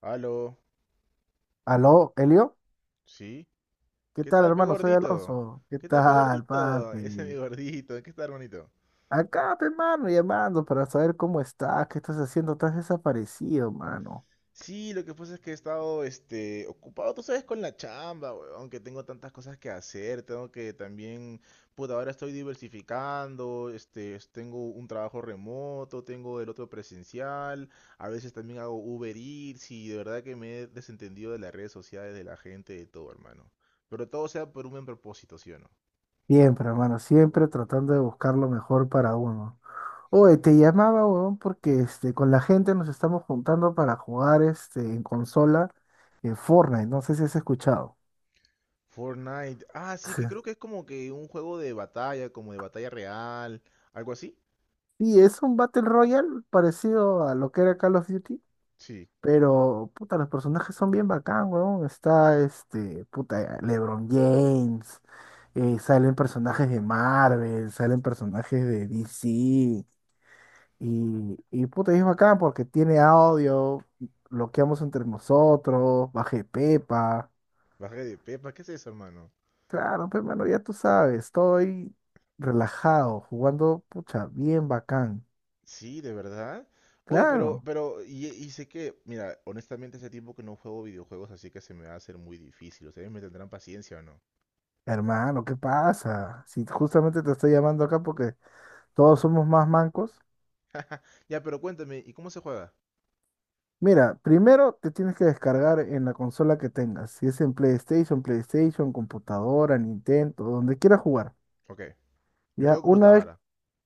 Aló, Aló, Elio. ¿sí? ¿Qué ¿Qué tal, tal, pe hermano? Soy gordito? Alonso. ¿Qué ¿Qué tal, pe tal, gordito? Ese es mi papi? gordito, ¿qué tal, hermanito? Acá, pe, hermano, llamando para saber cómo estás, qué estás haciendo. Estás desaparecido, mano. Sí, lo que pasa es que he estado, ocupado, tú sabes, con la chamba, aunque tengo tantas cosas que hacer, tengo que también, pues ahora estoy diversificando, tengo un trabajo remoto, tengo el otro presencial, a veces también hago Uber Eats y de verdad que me he desentendido de las redes sociales, de la gente, de todo, hermano. Pero todo sea por un buen propósito, ¿sí o no? Siempre, hermano, siempre tratando de buscar lo mejor para uno. Oye, te llamaba, weón, porque con la gente nos estamos juntando para jugar en consola Fortnite. No sé si has escuchado. Fortnite. Ah, sí, Sí. que creo que es como que un juego de batalla, como de batalla real, algo así. Sí, es un Battle Royale parecido a lo que era Call of Duty. Sí, Pero, puta, los personajes son bien bacán, weón. Está puta, LeBron James. Salen personajes de Marvel, salen personajes de DC. Y puta, es bacán porque tiene audio. Bloqueamos entre nosotros. Bajé Pepa. baja de Pepa, ¿qué es eso, hermano? Claro, pero mano, ya tú sabes. Estoy relajado, jugando, pucha, bien bacán. Sí, de verdad. Oye, pero, Claro. pero, y, y sé que, mira, honestamente hace tiempo que no juego videojuegos, así que se me va a hacer muy difícil. Ustedes me tendrán paciencia o no. Hermano, ¿qué pasa? Si justamente te estoy llamando acá porque todos somos más mancos. Ya, pero cuéntame, ¿y cómo se juega? Mira, primero te tienes que descargar en la consola que tengas. Si es en PlayStation, computadora, Nintendo, donde quieras jugar. Ok, yo Ya tengo una vez computadora.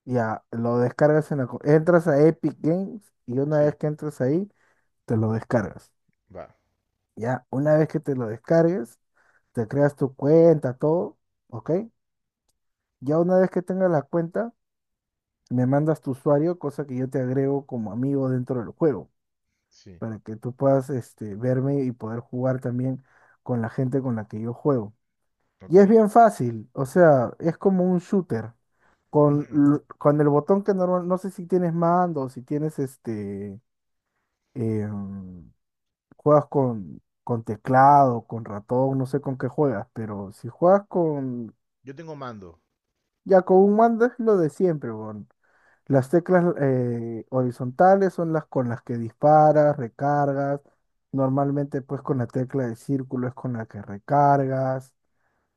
ya lo descargas en la, entras a Epic Games y una vez Sí, que entras ahí, te lo descargas. va, Ya una vez que te lo descargues, te creas tu cuenta, todo, ¿ok? Ya una vez que tengas la cuenta, me mandas tu usuario, cosa que yo te agrego como amigo dentro del juego, sí, para que tú puedas verme y poder jugar también con la gente con la que yo juego. Y es ok. bien fácil, o sea, es como un shooter. Con, Ujú. Con el botón que normal, no sé si tienes mando, si tienes em, juegas con teclado, con ratón, no sé con qué juegas, pero si juegas con, Yo tengo mando. ya con un mando es lo de siempre, weón. Las teclas horizontales son las con las que disparas, recargas. Normalmente pues con la tecla de círculo es con la que recargas.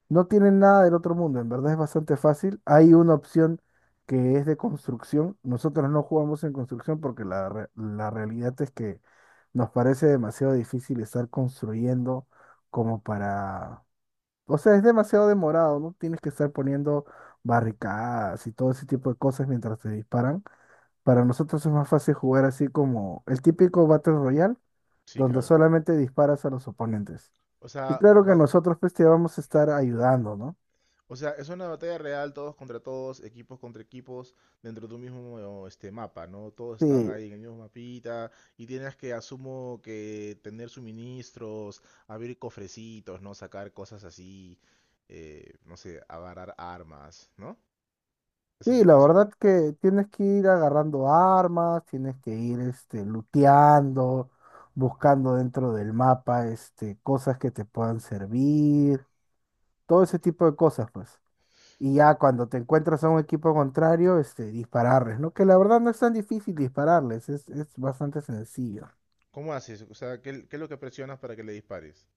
No tienen nada del otro mundo, en verdad es bastante fácil. Hay una opción que es de construcción. Nosotros no jugamos en construcción porque la realidad es que nos parece demasiado difícil estar construyendo como para... O sea, es demasiado demorado, ¿no? Tienes que estar poniendo barricadas y todo ese tipo de cosas mientras te disparan. Para nosotros es más fácil jugar así como el típico Battle Royale, Sí, donde claro. solamente disparas a los oponentes. O Y sea, claro que va, nosotros pues te vamos a estar ayudando, ¿no? o sea, es una batalla real, todos contra todos, equipos contra equipos, dentro de un mismo este mapa, ¿no? Todos están Sí, ahí en el mismo mapita y tienes que, asumo, que tener suministros, abrir cofrecitos, ¿no? Sacar cosas así, no sé, agarrar armas, ¿no? ¿Es sí, así la como se verdad juega? que tienes que ir agarrando armas, tienes que ir looteando, buscando dentro del mapa cosas que te puedan servir, todo ese tipo de cosas, pues. Y No. ya cuando te encuentras a un equipo contrario, dispararles, ¿no? Que la verdad no es tan difícil dispararles, es bastante sencillo. ¿Cómo haces? O sea, ¿qué es lo que presionas para que le dispares?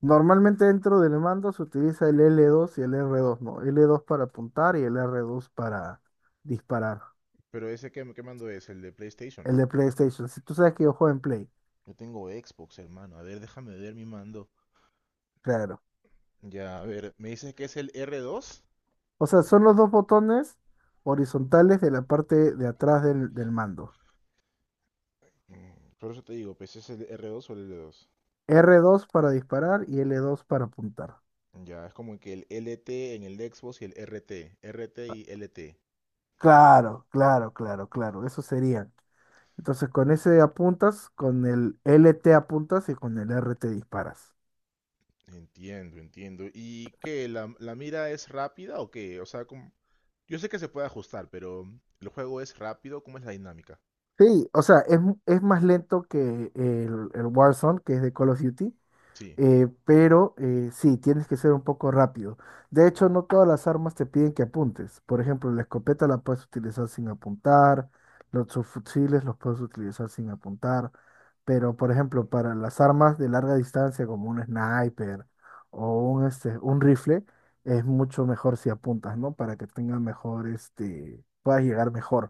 Normalmente dentro del mando se utiliza el L2 y el R2, ¿no? L2 para apuntar y el R2 para disparar. Pero ese qué que mando es, el de PlayStation. El de PlayStation. Si tú sabes que yo juego en Play, Yo tengo Xbox, hermano. A ver, déjame ver mi mando. claro. Ya, a ver, ¿me dices que es el R2? O sea, son los dos botones horizontales de la parte de atrás del mando. Mm, por eso te digo, pues es el R2 o el L2. R2 para disparar y L2 para apuntar. Ya, es como que el LT en el Xbox y el RT. RT y LT. Claro. Eso serían. Entonces con ese apuntas, con el L T apuntas y con el R T disparas. Entiendo, entiendo. ¿Y qué? ¿La mira es rápida o qué? O sea, como... yo sé que se puede ajustar, pero ¿el juego es rápido? ¿Cómo es la dinámica? Sí, o sea, es más lento que el Warzone, que es de Call of Duty, Sí. Pero sí, tienes que ser un poco rápido. De hecho, no todas las armas te piden que apuntes. Por ejemplo, la escopeta la puedes utilizar sin apuntar, los subfusiles los puedes utilizar sin apuntar, pero por ejemplo, para las armas de larga distancia como un sniper o un rifle, es mucho mejor si apuntas, ¿no? Para que tenga mejor, este, puedas llegar mejor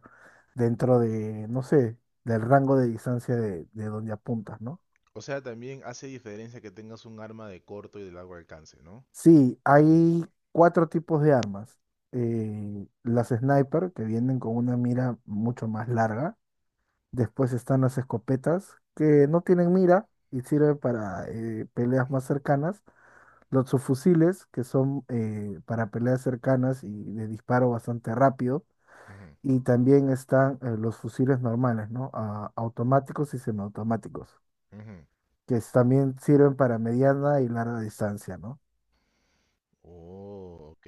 dentro de, no sé, del rango de distancia de donde apuntas, ¿no? O sea, también hace diferencia que tengas un arma de corto y de largo alcance, ¿no? Sí, Ujú, hay cuatro tipos de armas. Las sniper, que vienen con una mira mucho más larga. Después están las escopetas, que no tienen mira y sirven para peleas más cercanas. Los subfusiles, que son para peleas cercanas y de disparo bastante rápido. ujú, Y también están los fusiles normales, ¿no? Automáticos y semiautomáticos, ujú. También sirven para mediana y larga distancia, ¿no? Oh, ok.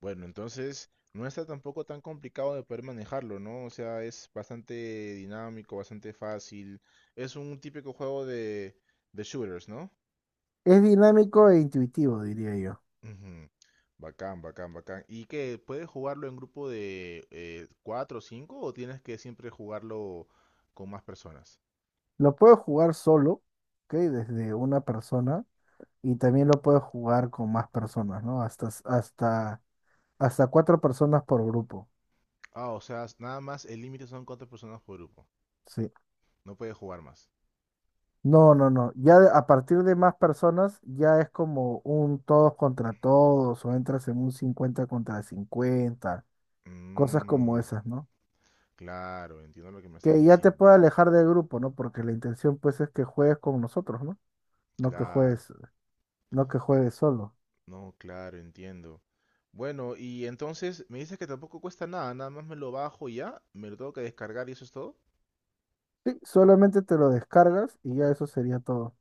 Bueno, entonces no está tampoco tan complicado de poder manejarlo, ¿no? O sea, es bastante dinámico, bastante fácil. Es un típico juego de shooters, ¿no? Es dinámico e intuitivo, diría yo. Ujú. Bacán, bacán, bacán. ¿Y qué? ¿Puedes jugarlo en grupo de cuatro o cinco o tienes que siempre jugarlo con más personas? Lo puedo jugar solo, ¿ok? Desde una persona y también lo puedo jugar con más personas, ¿no? Hasta cuatro personas por grupo, Ah, o sea, nada más el límite son cuatro personas por grupo. sí. No puedes jugar más. No. A partir de más personas ya es como un todos contra todos o entras en un 50 contra 50, cosas como Mm, esas, ¿no? claro, entiendo lo que me estás Que ya te diciendo. puede alejar del grupo, ¿no? Porque la intención pues es que juegues con nosotros, ¿no? No que Claro. juegues, no que juegues solo. No, claro, entiendo. Bueno, y entonces me dices que tampoco cuesta nada, nada más me lo bajo y ya, me lo tengo que descargar y eso es todo. Sí, solamente te lo descargas y ya eso sería todo.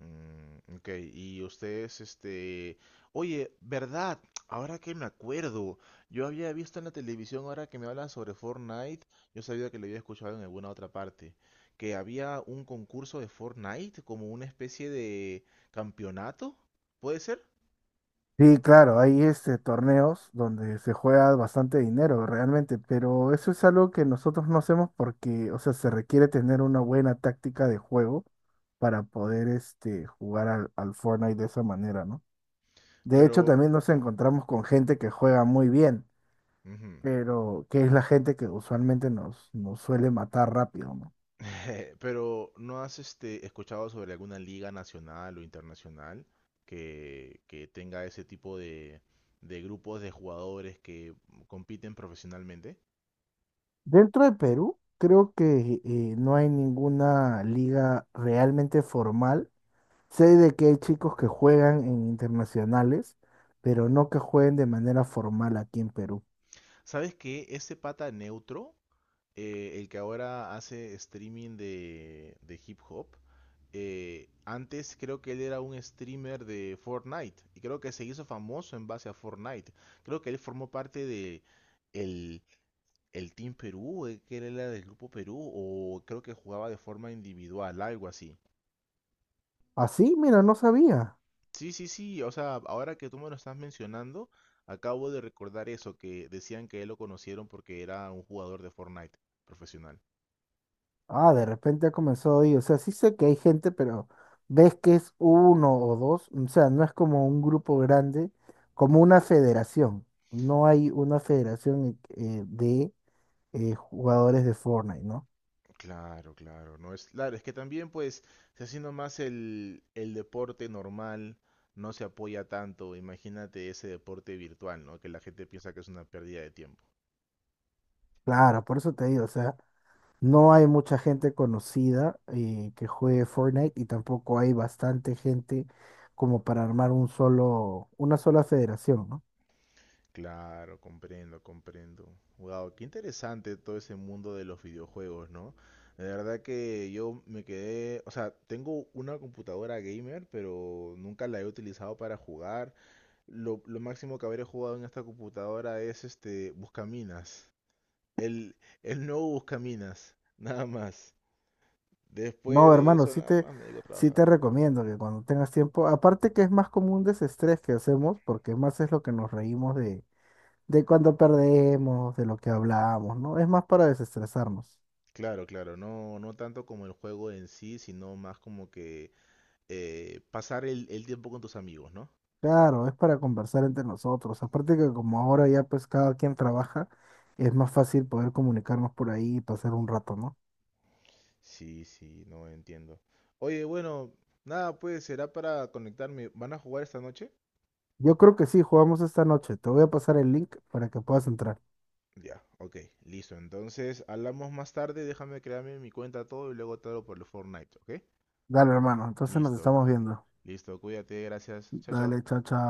Mm, ok, y ustedes, este... Oye, ¿verdad? Ahora que me acuerdo, yo había visto en la televisión, ahora que me hablan sobre Fortnite, yo sabía que lo había escuchado en alguna otra parte, que había un concurso de Fortnite, como una especie de campeonato, ¿puede ser? Sí, claro, hay torneos donde se juega bastante dinero realmente, pero eso es algo que nosotros no hacemos porque, o sea, se requiere tener una buena táctica de juego para poder jugar al Fortnite de esa manera, ¿no? De hecho, Pero... también nos encontramos con gente que juega muy bien, ujú. pero que es la gente que usualmente nos suele matar rápido, ¿no? Pero, ¿no has escuchado sobre alguna liga nacional o internacional que tenga ese tipo de grupos de jugadores que compiten profesionalmente? Dentro de Perú, creo que no hay ninguna liga realmente formal. Sé de que hay chicos que juegan en internacionales, pero no que jueguen de manera formal aquí en Perú. ¿Sabes que ese pata neutro, el que ahora hace streaming de hip hop, antes creo que él era un streamer de Fortnite y creo que se hizo famoso en base a Fortnite. Creo que él formó parte de el el Team Perú, que él era del Grupo Perú, o creo que jugaba de forma individual, algo así. Así, mira, no sabía. Sí, sí, sí, o sea, ahora que tú me lo estás mencionando, acabo de recordar eso, que decían que él lo conocieron porque era un jugador de Fortnite profesional. Ah, de repente ha comenzado ahí. O sea, sí sé que hay gente, pero ves que es uno o dos. O sea, no es como un grupo grande, como una federación. No hay una federación de jugadores de Fortnite, ¿no? Claro, claro, no es, claro, es que también pues se haciendo más el deporte normal, no se apoya tanto, imagínate ese deporte virtual, ¿no? Que la gente piensa que es una pérdida de tiempo. Claro, por eso te digo, o sea. No hay mucha gente conocida que juegue Fortnite y tampoco hay bastante gente como para armar una sola federación, ¿no? Claro, comprendo, comprendo. Wow, qué interesante todo ese mundo de los videojuegos, ¿no? De verdad que yo me quedé, o sea, tengo una computadora gamer, pero nunca la he utilizado para jugar. Lo máximo que habré jugado en esta computadora es este Buscaminas. El, el nuevo Buscaminas, nada más. Después No, de hermano, eso, nada más me dedico a sí trabajar. te recomiendo que cuando tengas tiempo, aparte que es más como un desestrés que hacemos, porque más es lo que nos reímos de cuando perdemos, de lo que hablamos, ¿no? Es más para desestresarnos. Claro, claro, no, no tanto como el juego en sí, sino más como que pasar el tiempo con tus amigos, ¿no? Claro, es para conversar entre nosotros. Aparte que como ahora ya pues cada quien trabaja, es más fácil poder comunicarnos por ahí y pasar un rato, ¿no? Sí, sí, no entiendo. Oye, bueno, nada, pues será para conectarme. ¿Van a jugar esta noche? Yo creo que sí, jugamos esta noche. Te voy a pasar el link para que puedas entrar. Ya, ok, listo. Entonces, hablamos más tarde, déjame crearme mi cuenta todo y luego te hablo por el Fortnite, ¿ok? Dale, hermano. Entonces nos Listo, estamos viendo. listo, cuídate, gracias. Chao, chao. Dale, chao, chao.